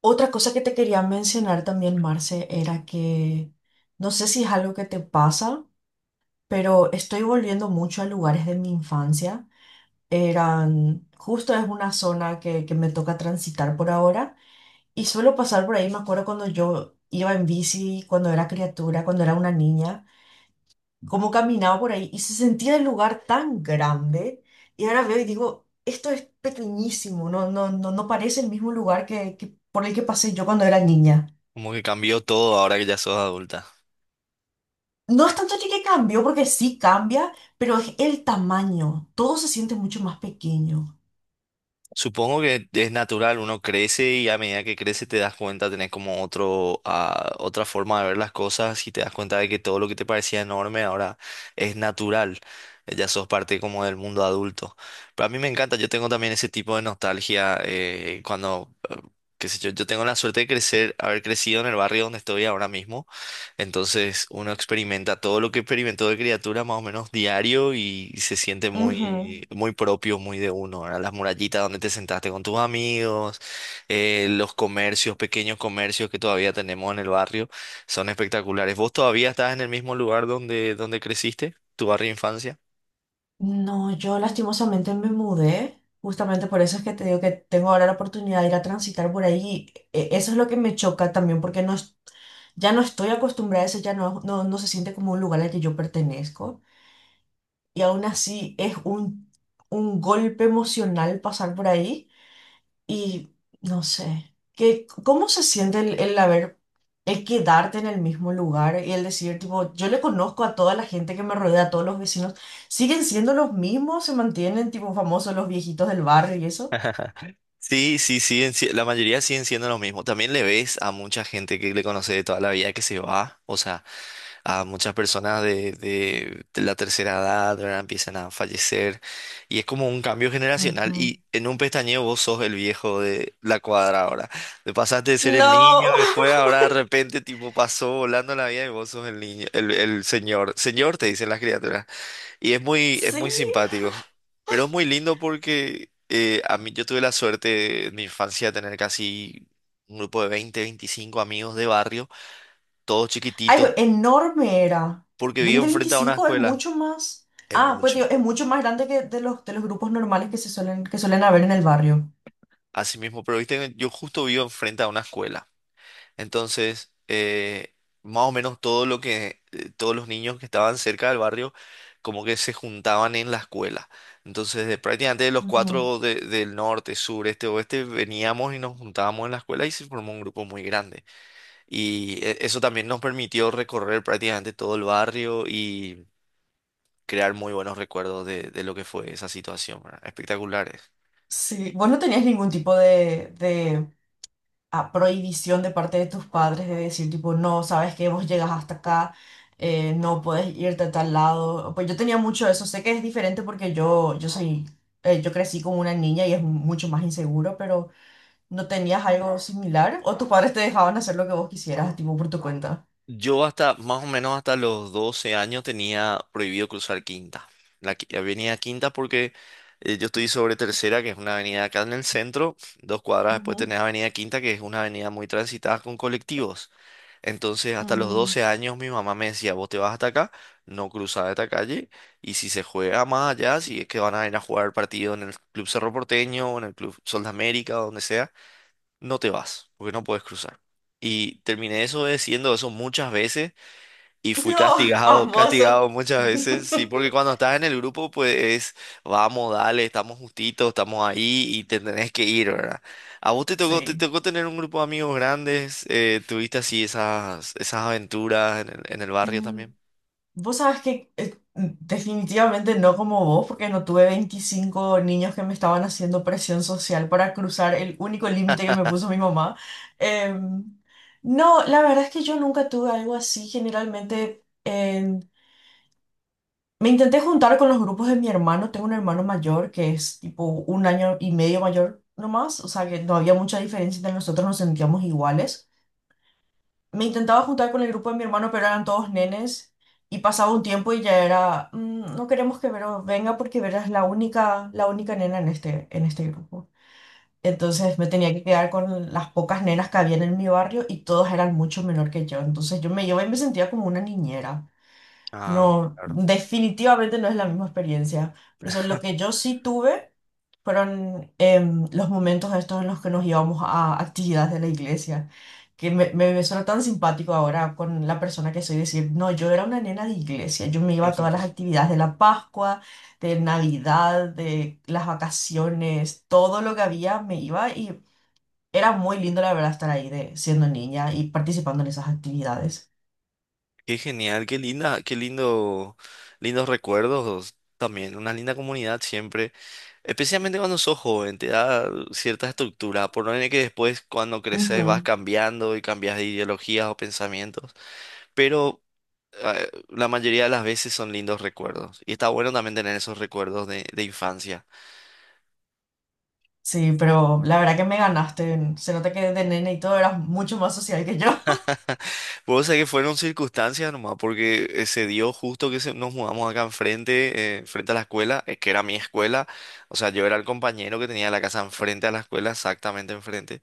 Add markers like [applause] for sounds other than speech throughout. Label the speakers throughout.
Speaker 1: Otra cosa que te quería mencionar también, Marce, era que no sé si es algo que te pasa, pero estoy volviendo mucho a lugares de mi infancia. Eran, justo es una zona que me toca transitar por ahora y suelo pasar por ahí. Me acuerdo cuando yo iba en bici, cuando era criatura, cuando era una niña, cómo caminaba por ahí y se sentía el lugar tan grande. Y ahora veo y digo, esto es pequeñísimo, no, no, no, no parece el mismo lugar que por el que pasé yo cuando era niña.
Speaker 2: Como que cambió todo ahora que ya sos adulta.
Speaker 1: No es tanto de que cambió, porque sí cambia, pero es el tamaño. Todo se siente mucho más pequeño.
Speaker 2: Supongo que es natural, uno crece y a medida que crece te das cuenta, tenés como otra forma de ver las cosas y te das cuenta de que todo lo que te parecía enorme ahora es natural. Ya sos parte como del mundo adulto. Pero a mí me encanta, yo tengo también ese tipo de nostalgia qué sé yo, yo tengo la suerte de crecer, haber crecido en el barrio donde estoy ahora mismo. Entonces uno experimenta todo lo que experimentó de criatura más o menos diario y se siente
Speaker 1: Ujú.
Speaker 2: muy, muy propio, muy de uno. Ahora las murallitas donde te sentaste con tus amigos, los comercios, pequeños comercios que todavía tenemos en el barrio, son espectaculares. ¿Vos todavía estás en el mismo lugar donde creciste, tu barrio de infancia?
Speaker 1: No, yo lastimosamente me mudé. Justamente por eso es que te digo que tengo ahora la oportunidad de ir a transitar por ahí. Eso es lo que me choca también, porque no, ya no estoy acostumbrada a eso, ya no se siente como un lugar al que yo pertenezco. Y aún así es un golpe emocional pasar por ahí. Y no sé, qué ¿cómo se siente el quedarte en el mismo lugar y el decir, tipo, yo le conozco a toda la gente que me rodea, a todos los vecinos, siguen siendo los mismos, se mantienen, tipo, famosos los viejitos del barrio y eso?
Speaker 2: Sí, sí, sí, la mayoría siguen siendo los mismos. También le ves a mucha gente que le conoce de toda la vida que se va, o sea, a muchas personas de la tercera edad, ¿verdad? Empiezan a fallecer y es como un cambio generacional
Speaker 1: Ujú.
Speaker 2: y en un pestañeo vos sos el viejo de la cuadra ahora. Te pasaste de ser el
Speaker 1: No,
Speaker 2: niño que
Speaker 1: [laughs]
Speaker 2: juega, ahora de repente tipo pasó volando la vida y vos sos el niño, el señor. Señor te dicen las criaturas y es
Speaker 1: sí.
Speaker 2: muy simpático, pero es muy lindo porque a mí yo tuve la suerte en mi infancia de tener casi. Un grupo de 20-25 amigos de barrio todos chiquititos,
Speaker 1: Algo enorme era.
Speaker 2: porque
Speaker 1: dos mil
Speaker 2: vivo enfrente a una
Speaker 1: veinticinco es
Speaker 2: escuela.
Speaker 1: mucho más.
Speaker 2: Es
Speaker 1: Ah, pues
Speaker 2: mucho.
Speaker 1: digo, es mucho más grande que de los grupos normales que suelen haber en el barrio.
Speaker 2: Así mismo, pero viste, que yo justo vivo enfrente a una escuela. Entonces, más o menos todo lo que, todos los niños que estaban cerca del barrio, como que se juntaban en la escuela. Entonces, de prácticamente de los
Speaker 1: Ujú.
Speaker 2: cuatro del norte, sur, este, oeste, veníamos y nos juntábamos en la escuela y se formó un grupo muy grande. Y eso también nos permitió recorrer prácticamente todo el barrio y crear muy buenos recuerdos de lo que fue esa situación, ¿verdad? Espectaculares.
Speaker 1: Sí, vos no tenías ningún tipo de a prohibición de parte de tus padres de decir tipo, no, sabes que vos llegas hasta acá, no puedes irte a tal lado. Pues yo tenía mucho eso, sé que es diferente porque yo crecí como una niña y es mucho más inseguro, pero ¿no tenías algo similar? ¿O tus padres te dejaban hacer lo que vos quisieras, tipo por tu cuenta?
Speaker 2: Yo hasta más o menos hasta los 12 años tenía prohibido cruzar Quinta. La avenida Quinta porque yo estoy sobre Tercera, que es una avenida acá en el centro. Dos cuadras después
Speaker 1: Ujú.
Speaker 2: tenés Avenida Quinta, que es una avenida muy transitada con colectivos. Entonces, hasta los
Speaker 1: Mm.
Speaker 2: 12 años mi mamá me decía, vos te vas hasta acá, no cruzás esta calle, y si se juega más allá, si es que van a ir a jugar partido en el Club Cerro Porteño, o en el Club Sol de América, o donde sea, no te vas, porque no puedes cruzar. Y terminé eso diciendo eso muchas veces y fui
Speaker 1: No, [laughs]
Speaker 2: castigado, [laughs]
Speaker 1: famoso.
Speaker 2: castigado muchas veces, sí, porque cuando estás en el grupo, pues es, vamos, dale, estamos justitos, estamos ahí y te tenés que ir, ¿verdad? ¿A vos te tocó, te
Speaker 1: Sí.
Speaker 2: tocó tener un grupo de amigos grandes? ¿Tuviste así esas aventuras en en el barrio también?
Speaker 1: Vos sabés que definitivamente no como vos, porque no tuve 25 niños que me estaban haciendo presión social para cruzar el único límite que me puso mi mamá. Em, no, la verdad es que yo nunca tuve algo así. Generalmente me intenté juntar con los grupos de mi hermano. Tengo un hermano mayor que es tipo un año y medio mayor nomás, o sea que no había mucha diferencia entre nosotros, nos sentíamos iguales. Me intentaba juntar con el grupo de mi hermano, pero eran todos nenes. Y pasaba un tiempo y ya era, "Mm, no queremos que Vero venga porque Vero es la única nena en este grupo." Entonces me tenía que quedar con las pocas nenas que habían en mi barrio y todas eran mucho menor que yo. Entonces yo me iba y me sentía como una niñera.
Speaker 2: Ah,
Speaker 1: No,
Speaker 2: claro.
Speaker 1: definitivamente no es la misma experiencia. Por eso lo que yo sí tuve fueron los momentos estos en los que nos íbamos a actividades de la iglesia, que me suena tan simpático ahora con la persona que soy decir, no, yo era una nena de iglesia, yo me iba a todas las
Speaker 2: [laughs]
Speaker 1: actividades de la Pascua, de Navidad, de las vacaciones, todo lo que había me iba y era muy lindo la verdad estar ahí siendo niña y participando en esas actividades.
Speaker 2: Qué genial, qué linda, qué lindo, lindos recuerdos también, una linda comunidad siempre. Especialmente cuando sos joven, te da cierta estructura, por no tener que después cuando creces vas cambiando y cambias de ideologías o pensamientos, pero la mayoría de las veces son lindos recuerdos y está bueno también tener esos recuerdos de infancia.
Speaker 1: Sí, pero la verdad que me ganaste. Se nota que de nene y todo eras mucho más social que yo.
Speaker 2: Puedo decir que fueron circunstancias nomás, porque se dio justo que nos mudamos acá enfrente, frente a la escuela, que era mi escuela, o sea, yo era el compañero que tenía la casa enfrente a la escuela, exactamente enfrente.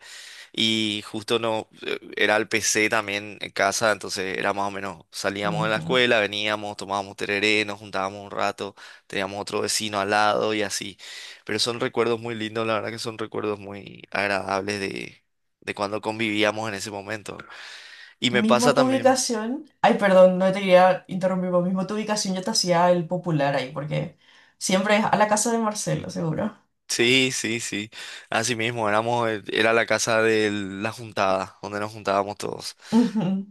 Speaker 2: Y justo no, era el PC también en casa, entonces era más o menos,
Speaker 1: [laughs]
Speaker 2: salíamos de la
Speaker 1: Ujú.
Speaker 2: escuela, veníamos, tomábamos tereré, nos juntábamos un rato, teníamos otro vecino al lado y así. Pero son recuerdos muy lindos, la verdad que son recuerdos muy agradables de cuando convivíamos en ese momento. Y me pasa
Speaker 1: Mismo tu
Speaker 2: también,
Speaker 1: ubicación. Ay, perdón, no te quería interrumpir, pero mismo tu ubicación yo te hacía el popular ahí, porque siempre es a la casa de Marcelo, seguro.
Speaker 2: sí, sí, sí, así mismo, éramos, era la casa de la juntada, donde nos juntábamos todos.
Speaker 1: Ujú.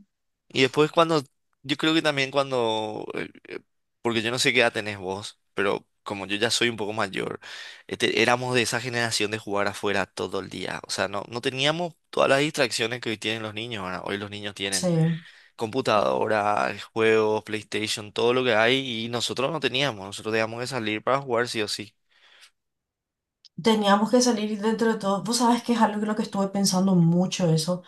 Speaker 2: Y después cuando, yo creo que también cuando, porque yo no sé qué edad tenés vos, pero como yo ya soy un poco mayor, este, éramos de esa generación de jugar afuera todo el día. O sea, no, no teníamos todas las distracciones que hoy tienen los niños. Ahora, hoy los niños
Speaker 1: Sí.
Speaker 2: tienen computadora, juegos, PlayStation, todo lo que hay, y nosotros no teníamos. Nosotros teníamos que salir para jugar sí o sí,
Speaker 1: Teníamos que salir dentro de todo. Vos sabés que es algo en lo que estuve pensando mucho eso.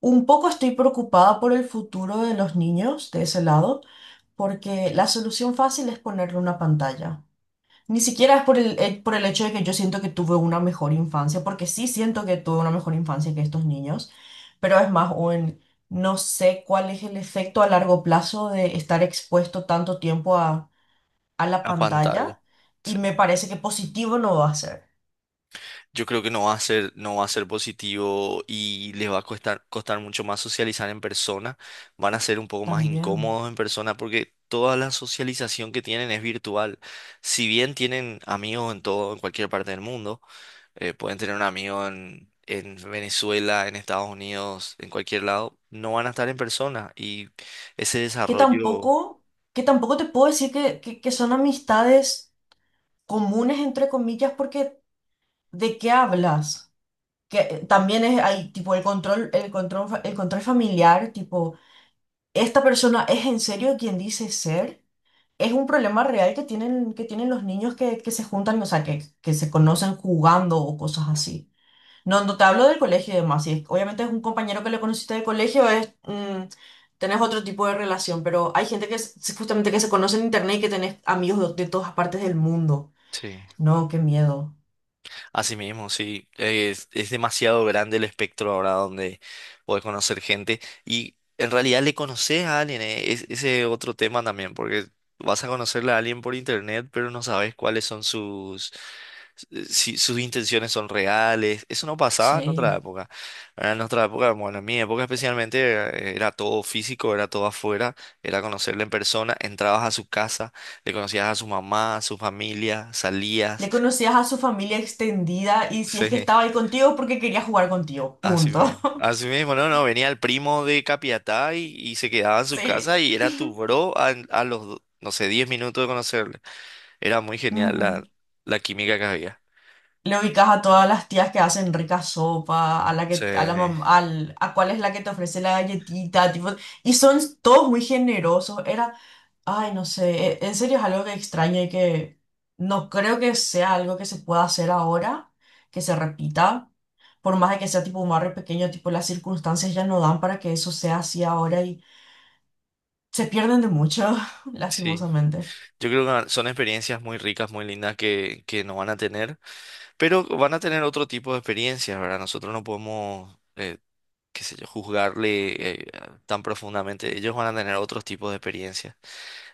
Speaker 1: Un poco estoy preocupada por el futuro de los niños de ese lado, porque la solución fácil es ponerle una pantalla. Ni siquiera es por el hecho de que yo siento que tuve una mejor infancia, porque sí siento que tuve una mejor infancia que estos niños, pero es más, no sé cuál es el efecto a largo plazo de estar expuesto tanto tiempo a la
Speaker 2: a pantalla.
Speaker 1: pantalla y
Speaker 2: Sí.
Speaker 1: me parece que positivo no va a ser.
Speaker 2: Yo creo que no va a ser, no va a ser positivo y les va a costar mucho más socializar en persona. Van a ser un poco más
Speaker 1: También.
Speaker 2: incómodos en persona porque toda la socialización que tienen es virtual. Si bien tienen amigos en todo, en cualquier parte del mundo, pueden tener un amigo en Venezuela, en Estados Unidos, en cualquier lado, no van a estar en persona y ese
Speaker 1: Que
Speaker 2: desarrollo,
Speaker 1: tampoco, que tampoco te puedo decir que son amistades comunes, entre comillas, porque ¿de qué hablas? Que también es, hay tipo el control familiar, tipo... ¿Esta persona es en serio quien dice ser? Es un problema real que tienen los niños que se juntan, o sea, que se conocen jugando o cosas así. No, no te hablo del colegio y demás. Si es- Obviamente es un compañero que le conociste del colegio, tenés otro tipo de relación, pero hay gente que es justamente que se conoce en internet y que tenés amigos de todas partes del mundo.
Speaker 2: sí.
Speaker 1: No, qué miedo.
Speaker 2: Así mismo, sí. Es demasiado grande el espectro ahora donde puedes conocer gente y en realidad le conoces a alguien. Ese otro tema también, porque vas a conocerle a alguien por internet, pero no sabes cuáles son si sus intenciones son reales. Eso no pasaba en otra
Speaker 1: Sí.
Speaker 2: época. ¿Verdad? En nuestra época, bueno, en mi época especialmente era, era todo físico, era todo afuera, era conocerle en persona, entrabas a su casa, le conocías a su mamá, a su familia, salías.
Speaker 1: Le
Speaker 2: [laughs]
Speaker 1: conocías a su familia extendida y si es que
Speaker 2: Sí.
Speaker 1: estaba ahí contigo porque quería jugar contigo.
Speaker 2: Así
Speaker 1: Punto.
Speaker 2: mismo.
Speaker 1: [laughs]
Speaker 2: Así mismo, no, no, venía el primo de Capiatá y se quedaba en su
Speaker 1: Sí.
Speaker 2: casa y era tu bro a, no sé, 10 minutos de conocerle. Era muy genial
Speaker 1: Ujú.
Speaker 2: la química que había.
Speaker 1: Le ubicas a todas las tías que hacen rica sopa,
Speaker 2: Sí,
Speaker 1: a cuál es la que te ofrece la galletita, tipo, y son todos muy generosos. Ay, no sé, en serio es algo que extraño y que no creo que sea algo que se pueda hacer ahora, que se repita, por más de que sea tipo un barrio pequeño, tipo las circunstancias ya no dan para que eso sea así ahora y se pierden de mucho, [laughs]
Speaker 2: sí.
Speaker 1: lastimosamente.
Speaker 2: Yo creo que son experiencias muy ricas, muy lindas que no van a tener, pero van a tener otro tipo de experiencias, ¿verdad? Nosotros no podemos, qué sé yo, juzgarle eh, tan profundamente. Ellos van a tener otros tipos de experiencias.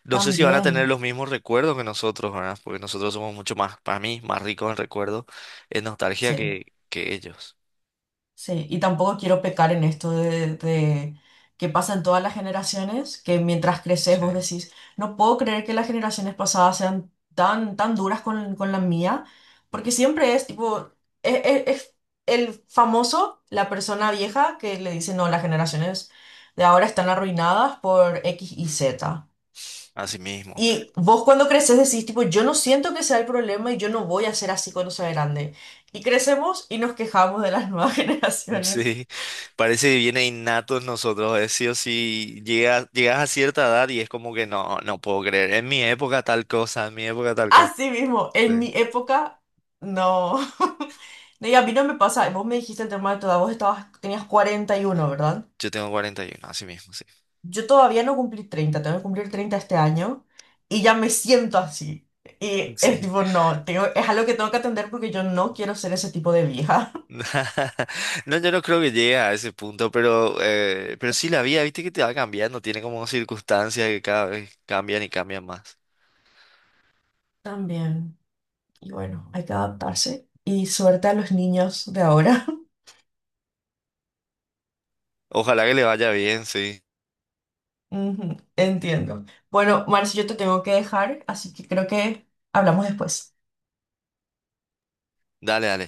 Speaker 2: No sé si van a tener
Speaker 1: También,
Speaker 2: los mismos recuerdos que nosotros, ¿verdad? Porque nosotros somos mucho más, para mí, más ricos en recuerdos, en nostalgia
Speaker 1: sí.
Speaker 2: que ellos.
Speaker 1: Sí, y tampoco quiero pecar en esto de que pasa en todas las generaciones, que mientras creces vos
Speaker 2: Sí.
Speaker 1: decís, no puedo creer que las generaciones pasadas sean tan, tan duras con la mía, porque siempre es tipo, es el famoso, la persona vieja que le dice, no, las generaciones de ahora están arruinadas por X y Z.
Speaker 2: Así mismo.
Speaker 1: Y
Speaker 2: [laughs]
Speaker 1: vos cuando creces decís, tipo, yo no siento que sea el problema y yo no voy a ser así cuando sea grande. Y crecemos y nos quejamos de las nuevas [laughs] generaciones.
Speaker 2: Sí. Parece que viene innato en nosotros. Es sí o sí. Llegas a cierta edad y es como que no, no puedo creer. En mi época tal cosa, en mi época tal cosa.
Speaker 1: Así mismo,
Speaker 2: Sí.
Speaker 1: en mi época, no. [laughs] No, y a mí no me pasa, vos me dijiste el tema de toda, vos estabas, tenías 41, ¿verdad?
Speaker 2: Yo tengo 41, así mismo, sí.
Speaker 1: Yo todavía no cumplí 30, tengo que cumplir 30 este año y ya me siento así. Y es
Speaker 2: Sí.
Speaker 1: tipo,
Speaker 2: [laughs]
Speaker 1: no, es algo que tengo que atender porque yo no quiero ser ese tipo de vieja. [laughs]
Speaker 2: [laughs] No, yo no creo que llegue a ese punto, pero, pero sí la vida, viste que te va cambiando, tiene como circunstancias que cada vez cambian y cambian más.
Speaker 1: También. Y bueno, hay que adaptarse. Y suerte a los niños de ahora. [laughs]
Speaker 2: Ojalá que le vaya bien, sí.
Speaker 1: Ujú. Entiendo. Bueno, Marci, yo te tengo que dejar, así que creo que hablamos después.
Speaker 2: Dale, dale.